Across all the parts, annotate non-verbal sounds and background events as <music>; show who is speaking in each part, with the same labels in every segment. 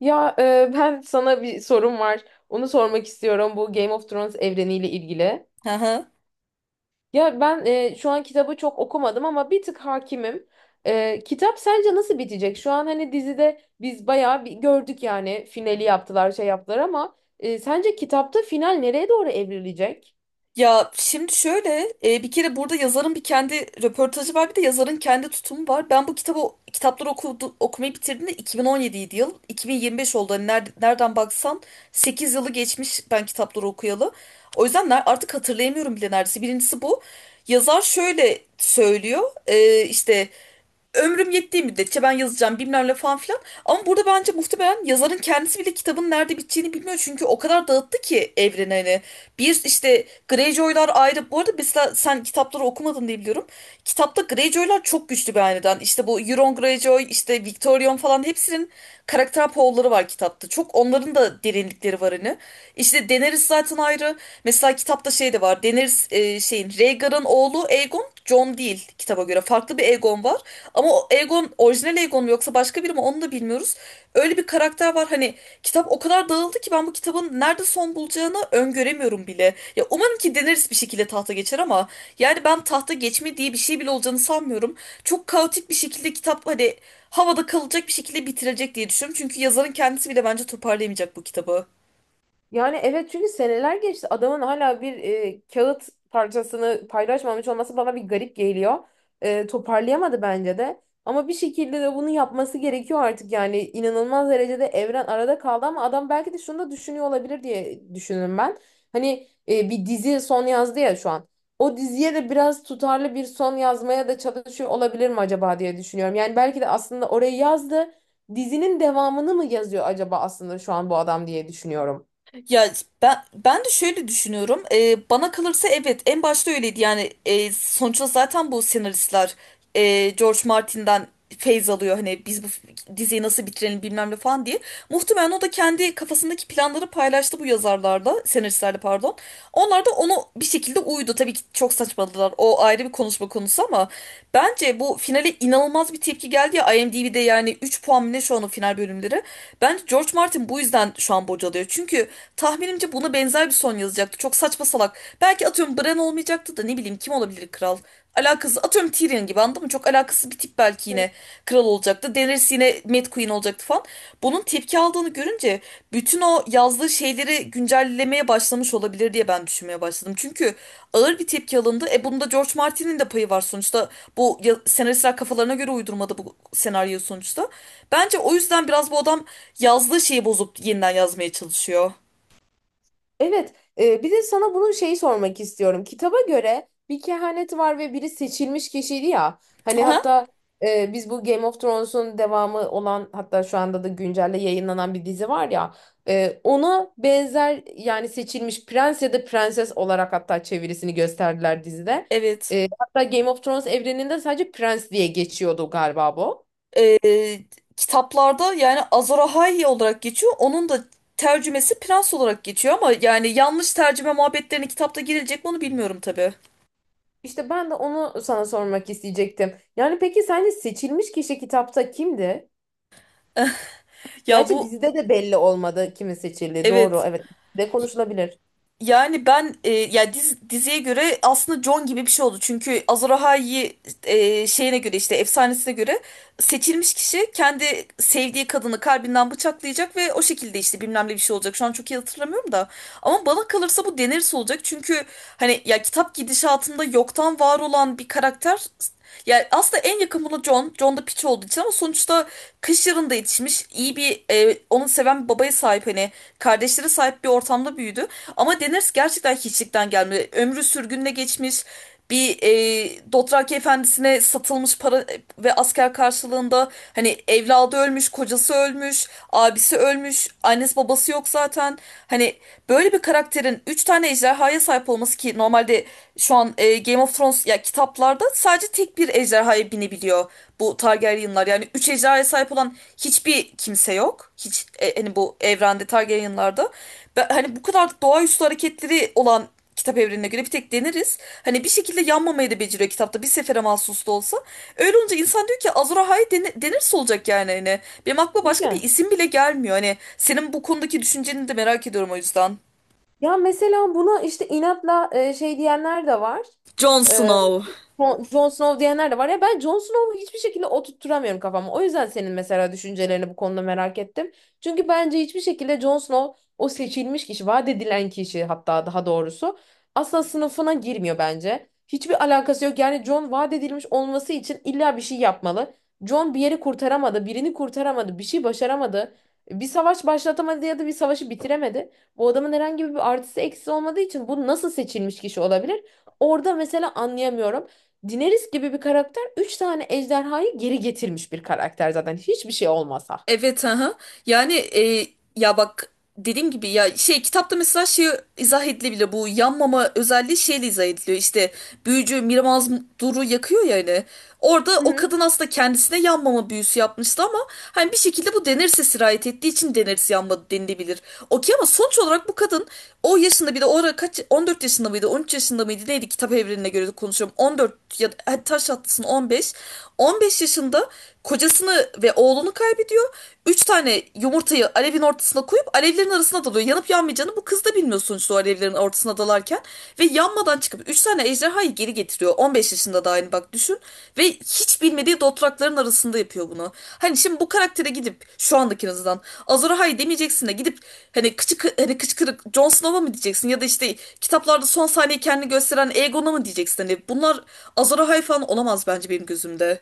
Speaker 1: Ben sana bir sorum var. Onu sormak istiyorum bu Game of Thrones evreniyle ilgili.
Speaker 2: Aha.
Speaker 1: Şu an kitabı çok okumadım ama bir tık hakimim. Kitap sence nasıl bitecek? Şu an hani dizide biz bayağı bir gördük yani finali yaptılar şey yaptılar ama sence kitapta final nereye doğru evrilecek?
Speaker 2: Ya şimdi şöyle bir kere burada yazarın bir kendi röportajı var, bir de yazarın kendi tutumu var. Ben bu kitabı kitapları okumayı bitirdiğimde 2017 yıl 2025 oldu. Hani nereden baksan 8 yılı geçmiş ben kitapları okuyalı. O yüzden artık hatırlayamıyorum bile neredeyse. Birincisi bu. Yazar şöyle söylüyor, işte ömrüm yettiği müddetçe ben yazacağım bilmem ne falan filan. Ama burada bence muhtemelen yazarın kendisi bile kitabın nerede biteceğini bilmiyor. Çünkü o kadar dağıttı ki evreni hani. Bir işte Greyjoy'lar ayrı. Bu arada mesela sen kitapları okumadın diye biliyorum. Kitapta Greyjoy'lar çok güçlü bir hanedan. İşte bu Euron Greyjoy, işte Victorion falan hepsinin karakter poğulları var kitapta. Çok onların da derinlikleri var hani. İşte Daenerys zaten ayrı. Mesela kitapta şey de var. Daenerys şeyin Rhaegar'ın oğlu Aegon, Jon değil kitaba göre. Farklı bir Aegon var. Ama o Aegon orijinal Aegon mu yoksa başka biri mi, onu da bilmiyoruz. Öyle bir karakter var, hani kitap o kadar dağıldı ki ben bu kitabın nerede son bulacağını öngöremiyorum bile. Ya umarım ki Daenerys bir şekilde tahta geçer ama yani ben tahta geçme diye bir şey bile olacağını sanmıyorum. Çok kaotik bir şekilde kitap hani havada kalacak bir şekilde bitirecek diye düşünüyorum. Çünkü yazarın kendisi bile bence toparlayamayacak bu kitabı.
Speaker 1: Yani evet çünkü seneler geçti. Adamın hala bir kağıt parçasını paylaşmamış olması bana bir garip geliyor. Toparlayamadı bence de. Ama bir şekilde de bunu yapması gerekiyor artık yani inanılmaz derecede evren arada kaldı ama adam belki de şunu da düşünüyor olabilir diye düşünürüm ben. Hani bir dizi son yazdı ya şu an. O diziye de biraz tutarlı bir son yazmaya da çalışıyor olabilir mi acaba diye düşünüyorum. Yani belki de aslında orayı yazdı. Dizinin devamını mı yazıyor acaba aslında şu an bu adam diye düşünüyorum.
Speaker 2: Ya ben de şöyle düşünüyorum. Bana kalırsa evet, en başta öyleydi. Yani sonuçta zaten bu senaristler George Martin'den feyz alıyor. Hani biz bu diziyi nasıl bitirelim bilmem ne falan diye. Muhtemelen o da kendi kafasındaki planları paylaştı bu yazarlarda, senaristlerle pardon. Onlar da onu bir şekilde uydu. Tabii ki çok saçmaladılar. O ayrı bir konuşma konusu ama bence bu finale inanılmaz bir tepki geldi ya, IMDb'de yani 3 puan mı ne şu an o final bölümleri. Bence George Martin bu yüzden şu an bocalıyor. Çünkü tahminimce buna benzer bir son yazacaktı. Çok saçma salak. Belki atıyorum Bran olmayacaktı da, ne bileyim kim olabilir kral? Alakasız atıyorum Tyrion gibi, anladın mı? Çok alakasız bir tip belki
Speaker 1: Hı.
Speaker 2: yine kral olacaktı. Daenerys yine Mad Queen olacaktı falan. Bunun tepki aldığını görünce bütün o yazdığı şeyleri güncellemeye başlamış olabilir diye ben düşünmeye başladım. Çünkü ağır bir tepki alındı. E bunda George Martin'in de payı var sonuçta. Bu senaristler kafalarına göre uydurmadı bu senaryo sonuçta. Bence o yüzden biraz bu adam yazdığı şeyi bozup yeniden yazmaya çalışıyor.
Speaker 1: Evet, bir de sana bunun şeyi sormak istiyorum. Kitaba göre bir kehanet var ve biri seçilmiş kişiydi ya. Hani
Speaker 2: Aha,
Speaker 1: hatta e, biz bu Game of Thrones'un devamı olan hatta şu anda da güncelde yayınlanan bir dizi var ya. Ona benzer yani seçilmiş prens ya da prenses olarak hatta çevirisini gösterdiler dizide.
Speaker 2: evet.
Speaker 1: Hatta Game of Thrones evreninde sadece prens diye geçiyordu galiba bu.
Speaker 2: Ee, Kitaplarda yani Azor olarak geçiyor. Onun da tercümesi prens olarak geçiyor ama yani yanlış tercüme muhabbetlerine kitapta girilecek mi, onu bilmiyorum tabii.
Speaker 1: İşte ben de onu sana sormak isteyecektim. Yani peki sence seçilmiş kişi kitapta kimdi?
Speaker 2: Ya
Speaker 1: Gerçi
Speaker 2: bu
Speaker 1: dizide de belli olmadı kimin seçildiği. Doğru,
Speaker 2: evet.
Speaker 1: evet. De konuşulabilir.
Speaker 2: Yani ben ya diziye göre aslında John gibi bir şey oldu. Çünkü Azor şeyine göre, işte efsanesine göre seçilmiş kişi kendi sevdiği kadını kalbinden bıçaklayacak ve o şekilde işte bilmem ne bir şey olacak. Şu an çok iyi hatırlamıyorum da. Ama bana kalırsa bu Daenerys olacak. Çünkü hani ya kitap gidişatında yoktan var olan bir karakter. Ya aslında en yakın buna John. John da piç olduğu için ama sonuçta kış yarında yetişmiş. İyi bir, onu seven bir babaya sahip, hani kardeşlere sahip bir ortamda büyüdü. Ama Daenerys gerçekten hiçlikten gelme. Ömrü sürgünle geçmiş. Bir Dothraki efendisine satılmış, para ve asker karşılığında. Hani evladı ölmüş, kocası ölmüş, abisi ölmüş, annesi babası yok zaten. Hani böyle bir karakterin 3 tane ejderhaya sahip olması, ki normalde şu an Game of Thrones ya kitaplarda sadece tek bir ejderhaya binebiliyor bu Targaryenlar. Yani 3 ejderhaya sahip olan hiçbir kimse yok. Hiç hani bu evrende, Targaryenlarda. Hani bu kadar doğaüstü hareketleri olan kitap evrenine göre bir tek deniriz. Hani bir şekilde yanmamayı da beceriyor kitapta, bir sefere mahsus da olsa. Öyle olunca insan diyor ki Azor Ahai denirse olacak yani hani. Benim aklıma başka bir
Speaker 1: Kesinlikle.
Speaker 2: isim bile gelmiyor. Hani senin bu konudaki düşünceni de merak ediyorum, o yüzden.
Speaker 1: Ya mesela buna işte inatla şey diyenler de var.
Speaker 2: Jon
Speaker 1: E,
Speaker 2: Snow.
Speaker 1: Jon Snow diyenler de var ya ben Jon Snow'u hiçbir şekilde oturtturamıyorum kafama. O yüzden senin mesela düşüncelerini bu konuda merak ettim. Çünkü bence hiçbir şekilde Jon Snow o seçilmiş kişi, vaat edilen kişi hatta daha doğrusu asla sınıfına girmiyor bence. Hiçbir alakası yok. Yani Jon vaat edilmiş olması için illa bir şey yapmalı. Jon bir yeri kurtaramadı, birini kurtaramadı, bir şey başaramadı. Bir savaş başlatamadı ya da bir savaşı bitiremedi. Bu adamın herhangi bir artısı eksisi olmadığı için bu nasıl seçilmiş kişi olabilir? Orada mesela anlayamıyorum. Daenerys gibi bir karakter 3 tane ejderhayı geri getirmiş bir karakter zaten hiçbir şey olmasa.
Speaker 2: Evet, aha. Yani ya bak, dediğim gibi ya şey kitapta mesela şey izah edilebilir, bu yanmama özelliği şeyle izah ediliyor işte, büyücü Miramaz Duru yakıyor ya hani, orada
Speaker 1: Hı
Speaker 2: o
Speaker 1: hı.
Speaker 2: kadın aslında kendisine yanmama büyüsü yapmıştı ama hani bir şekilde bu Daenerys'e sirayet ettiği için Daenerys yanmadı denilebilir. Okey, ama sonuç olarak bu kadın o yaşında, bir de o ara kaç, 14 yaşında mıydı, 13 yaşında mıydı neydi, kitap evrenine göre de konuşuyorum, 14 ya da hadi taş atlasın 15 yaşında kocasını ve oğlunu kaybediyor. Üç tane yumurtayı alevin ortasına koyup alevlerin arasına dalıyor. Yanıp yanmayacağını bu kız da bilmiyor sonuçta o alevlerin ortasına dalarken. Ve yanmadan çıkıp üç tane ejderhayı geri getiriyor. 15 yaşında da aynı, bak düşün. Ve hiç bilmediği dotrakların arasında yapıyor bunu. Hani şimdi bu karaktere gidip şu andaki en azından Azor Ahai demeyeceksin de gidip hani hani kıçkırık Jon Snow'a mı diyeceksin ya da işte kitaplarda son sahneyi kendini gösteren Aegon'a mı diyeceksin? Hani bunlar Azor Ahai falan olamaz bence benim gözümde.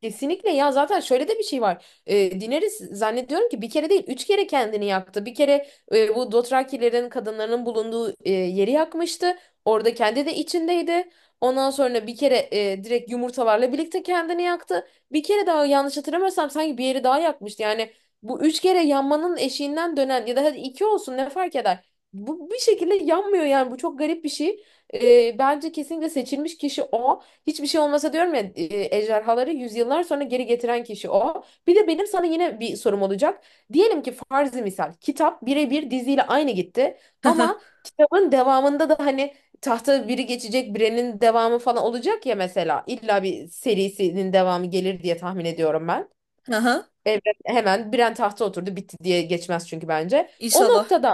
Speaker 1: Kesinlikle ya zaten şöyle de bir şey var. Daenerys zannediyorum ki bir kere değil üç kere kendini yaktı. Bir kere bu Dothrakilerin kadınlarının bulunduğu yeri yakmıştı. Orada kendi de içindeydi. Ondan sonra bir kere direkt yumurtalarla birlikte kendini yaktı. Bir kere daha yanlış hatırlamıyorsam sanki bir yeri daha yakmıştı. Yani bu üç kere yanmanın eşiğinden dönen ya da hadi iki olsun ne fark eder. Bu bir şekilde yanmıyor yani bu çok garip bir şey. Bence kesinlikle seçilmiş kişi o. Hiçbir şey olmasa diyorum ya, ejderhaları yüzyıllar sonra geri getiren kişi o. Bir de benim sana yine bir sorum olacak. Diyelim ki farzi misal kitap birebir diziyle aynı gitti
Speaker 2: <laughs>
Speaker 1: ama kitabın devamında da hani tahta biri geçecek birinin devamı falan olacak ya mesela. İlla bir serisinin devamı gelir diye tahmin ediyorum ben.
Speaker 2: Aha,
Speaker 1: Evren hemen Bren tahta oturdu bitti diye geçmez çünkü bence. O
Speaker 2: inşallah.
Speaker 1: noktada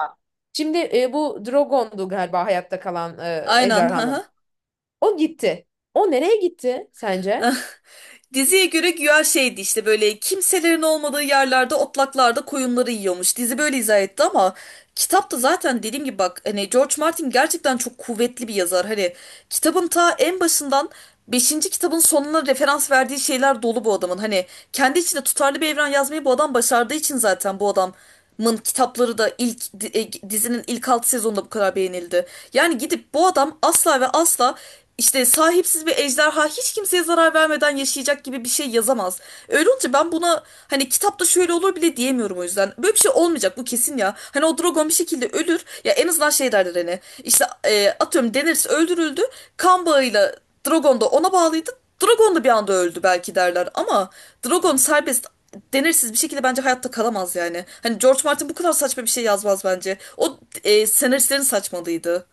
Speaker 1: şimdi bu Drogon'du galiba hayatta kalan
Speaker 2: Aynen.
Speaker 1: ejderhanın.
Speaker 2: Aha.
Speaker 1: O gitti. O nereye gitti sence?
Speaker 2: Ah, diziye göre güya şeydi, işte böyle kimselerin olmadığı yerlerde otlaklarda koyunları yiyormuş. Dizi böyle izah etti ama kitapta zaten dediğim gibi, bak hani George Martin gerçekten çok kuvvetli bir yazar. Hani kitabın ta en başından beşinci kitabın sonuna referans verdiği şeyler dolu bu adamın. Hani kendi içinde tutarlı bir evren yazmayı bu adam başardığı için zaten bu adam Mın kitapları da ilk dizinin ilk 6 sezonunda bu kadar beğenildi. Yani gidip bu adam asla ve asla işte sahipsiz bir ejderha hiç kimseye zarar vermeden yaşayacak gibi bir şey yazamaz. Öyle olunca ben buna hani kitapta şöyle olur bile diyemiyorum o yüzden. Böyle bir şey olmayacak bu, kesin ya. Hani o dragon bir şekilde ölür. Ya en azından şey derler, hani işte, atıyorum Daenerys öldürüldü. Kan bağıyla Dragon da ona bağlıydı. Dragon da bir anda öldü belki derler ama Dragon serbest denirsiz bir şekilde bence hayatta kalamaz yani. Hani George Martin bu kadar saçma bir şey yazmaz bence. O senaristlerin saçmalıydı.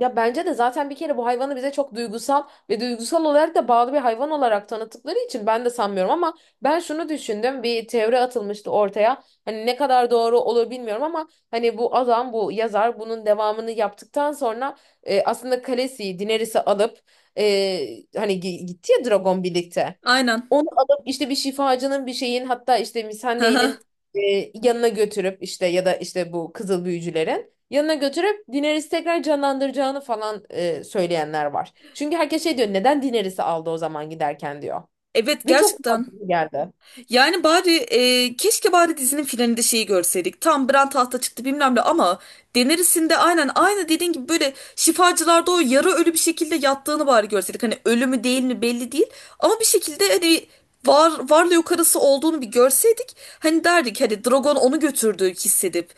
Speaker 1: Ya bence de zaten bir kere bu hayvanı bize çok duygusal ve duygusal olarak da bağlı bir hayvan olarak tanıttıkları için ben de sanmıyorum ama ben şunu düşündüm bir teori atılmıştı ortaya hani ne kadar doğru olur bilmiyorum ama hani bu adam bu yazar bunun devamını yaptıktan sonra aslında Khaleesi'yi Daenerys'i alıp hani gitti ya Dragon birlikte.
Speaker 2: Aynen.
Speaker 1: Onu alıp işte bir şifacının bir şeyin hatta işte misandeyinin
Speaker 2: <laughs>
Speaker 1: yanına götürüp işte ya da işte bu kızıl büyücülerin yanına götürüp Daenerys'i tekrar canlandıracağını falan söyleyenler var. Çünkü herkes şey diyor neden Daenerys'i aldı o zaman giderken diyor.
Speaker 2: Evet,
Speaker 1: Ve çok
Speaker 2: gerçekten.
Speaker 1: mantıklı geldi.
Speaker 2: Yani bari, keşke bari dizinin finalinde şeyi görseydik. Tam Bran tahta çıktı bilmem ne ama Daenerys'in de aynen aynı dediğin gibi böyle şifacılarda o yarı ölü bir şekilde yattığını bari görseydik. Hani ölü mü değil mi belli değil ama bir şekilde hani var, varlığı yok arası olduğunu bir görseydik. Hani derdik hani Drogon onu götürdü, hissedip.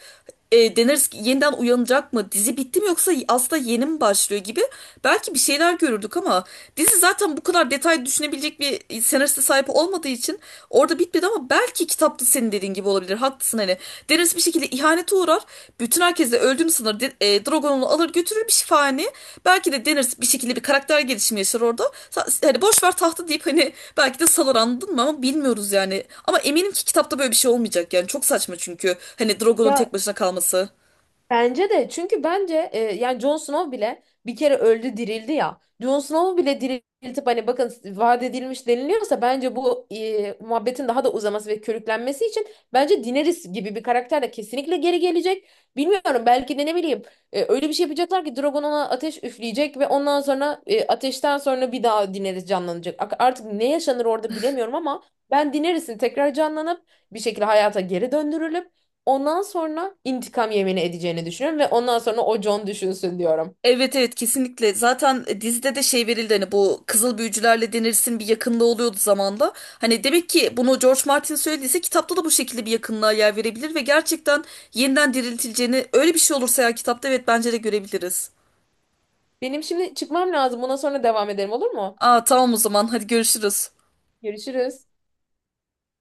Speaker 2: Daenerys yeniden uyanacak mı? Dizi bitti mi yoksa aslında yeni mi başlıyor gibi belki bir şeyler görürdük ama dizi zaten bu kadar detay düşünebilecek bir senariste sahip olmadığı için orada bitmedi. Ama belki kitapta senin dediğin gibi olabilir. Haklısın hani. Daenerys bir şekilde ihanete uğrar. Bütün herkes de öldüğünü sanır. Drogon onu alır götürür bir şifahane. Belki de Daenerys bir şekilde bir karakter gelişimi yaşar orada. Hani boş ver tahtı deyip hani belki de salır, anladın mı? Ama bilmiyoruz yani. Ama eminim ki kitapta böyle bir şey olmayacak yani. Çok saçma çünkü. Hani Drogon'un tek
Speaker 1: Ya
Speaker 2: başına kalması.
Speaker 1: bence de çünkü bence yani Jon Snow bile bir kere öldü dirildi ya. Jon Snow'u bile diriltip hani bakın vaat edilmiş deniliyorsa bence bu muhabbetin daha da uzaması ve körüklenmesi için bence Daenerys gibi bir karakter de kesinlikle geri gelecek. Bilmiyorum belki de ne bileyim öyle bir şey yapacaklar ki Drogon ona ateş üfleyecek ve ondan sonra ateşten sonra bir daha Daenerys canlanacak. Artık ne yaşanır orada bilemiyorum ama ben Daenerys'in tekrar canlanıp bir şekilde hayata geri döndürülüp ondan sonra intikam yemini edeceğini düşünüyorum ve ondan sonra o John düşünsün diyorum.
Speaker 2: Evet, evet, kesinlikle. Zaten dizide de şey verildi hani, bu kızıl büyücülerle denirsin bir yakınlığı oluyordu zamanda. Hani demek ki bunu George Martin söylediyse kitapta da bu şekilde bir yakınlığa yer verebilir ve gerçekten yeniden diriltileceğini, öyle bir şey olursa ya kitapta, evet bence de görebiliriz.
Speaker 1: Benim şimdi çıkmam lazım. Buna sonra devam edelim olur mu?
Speaker 2: Aa, tamam, o zaman hadi görüşürüz.
Speaker 1: Görüşürüz.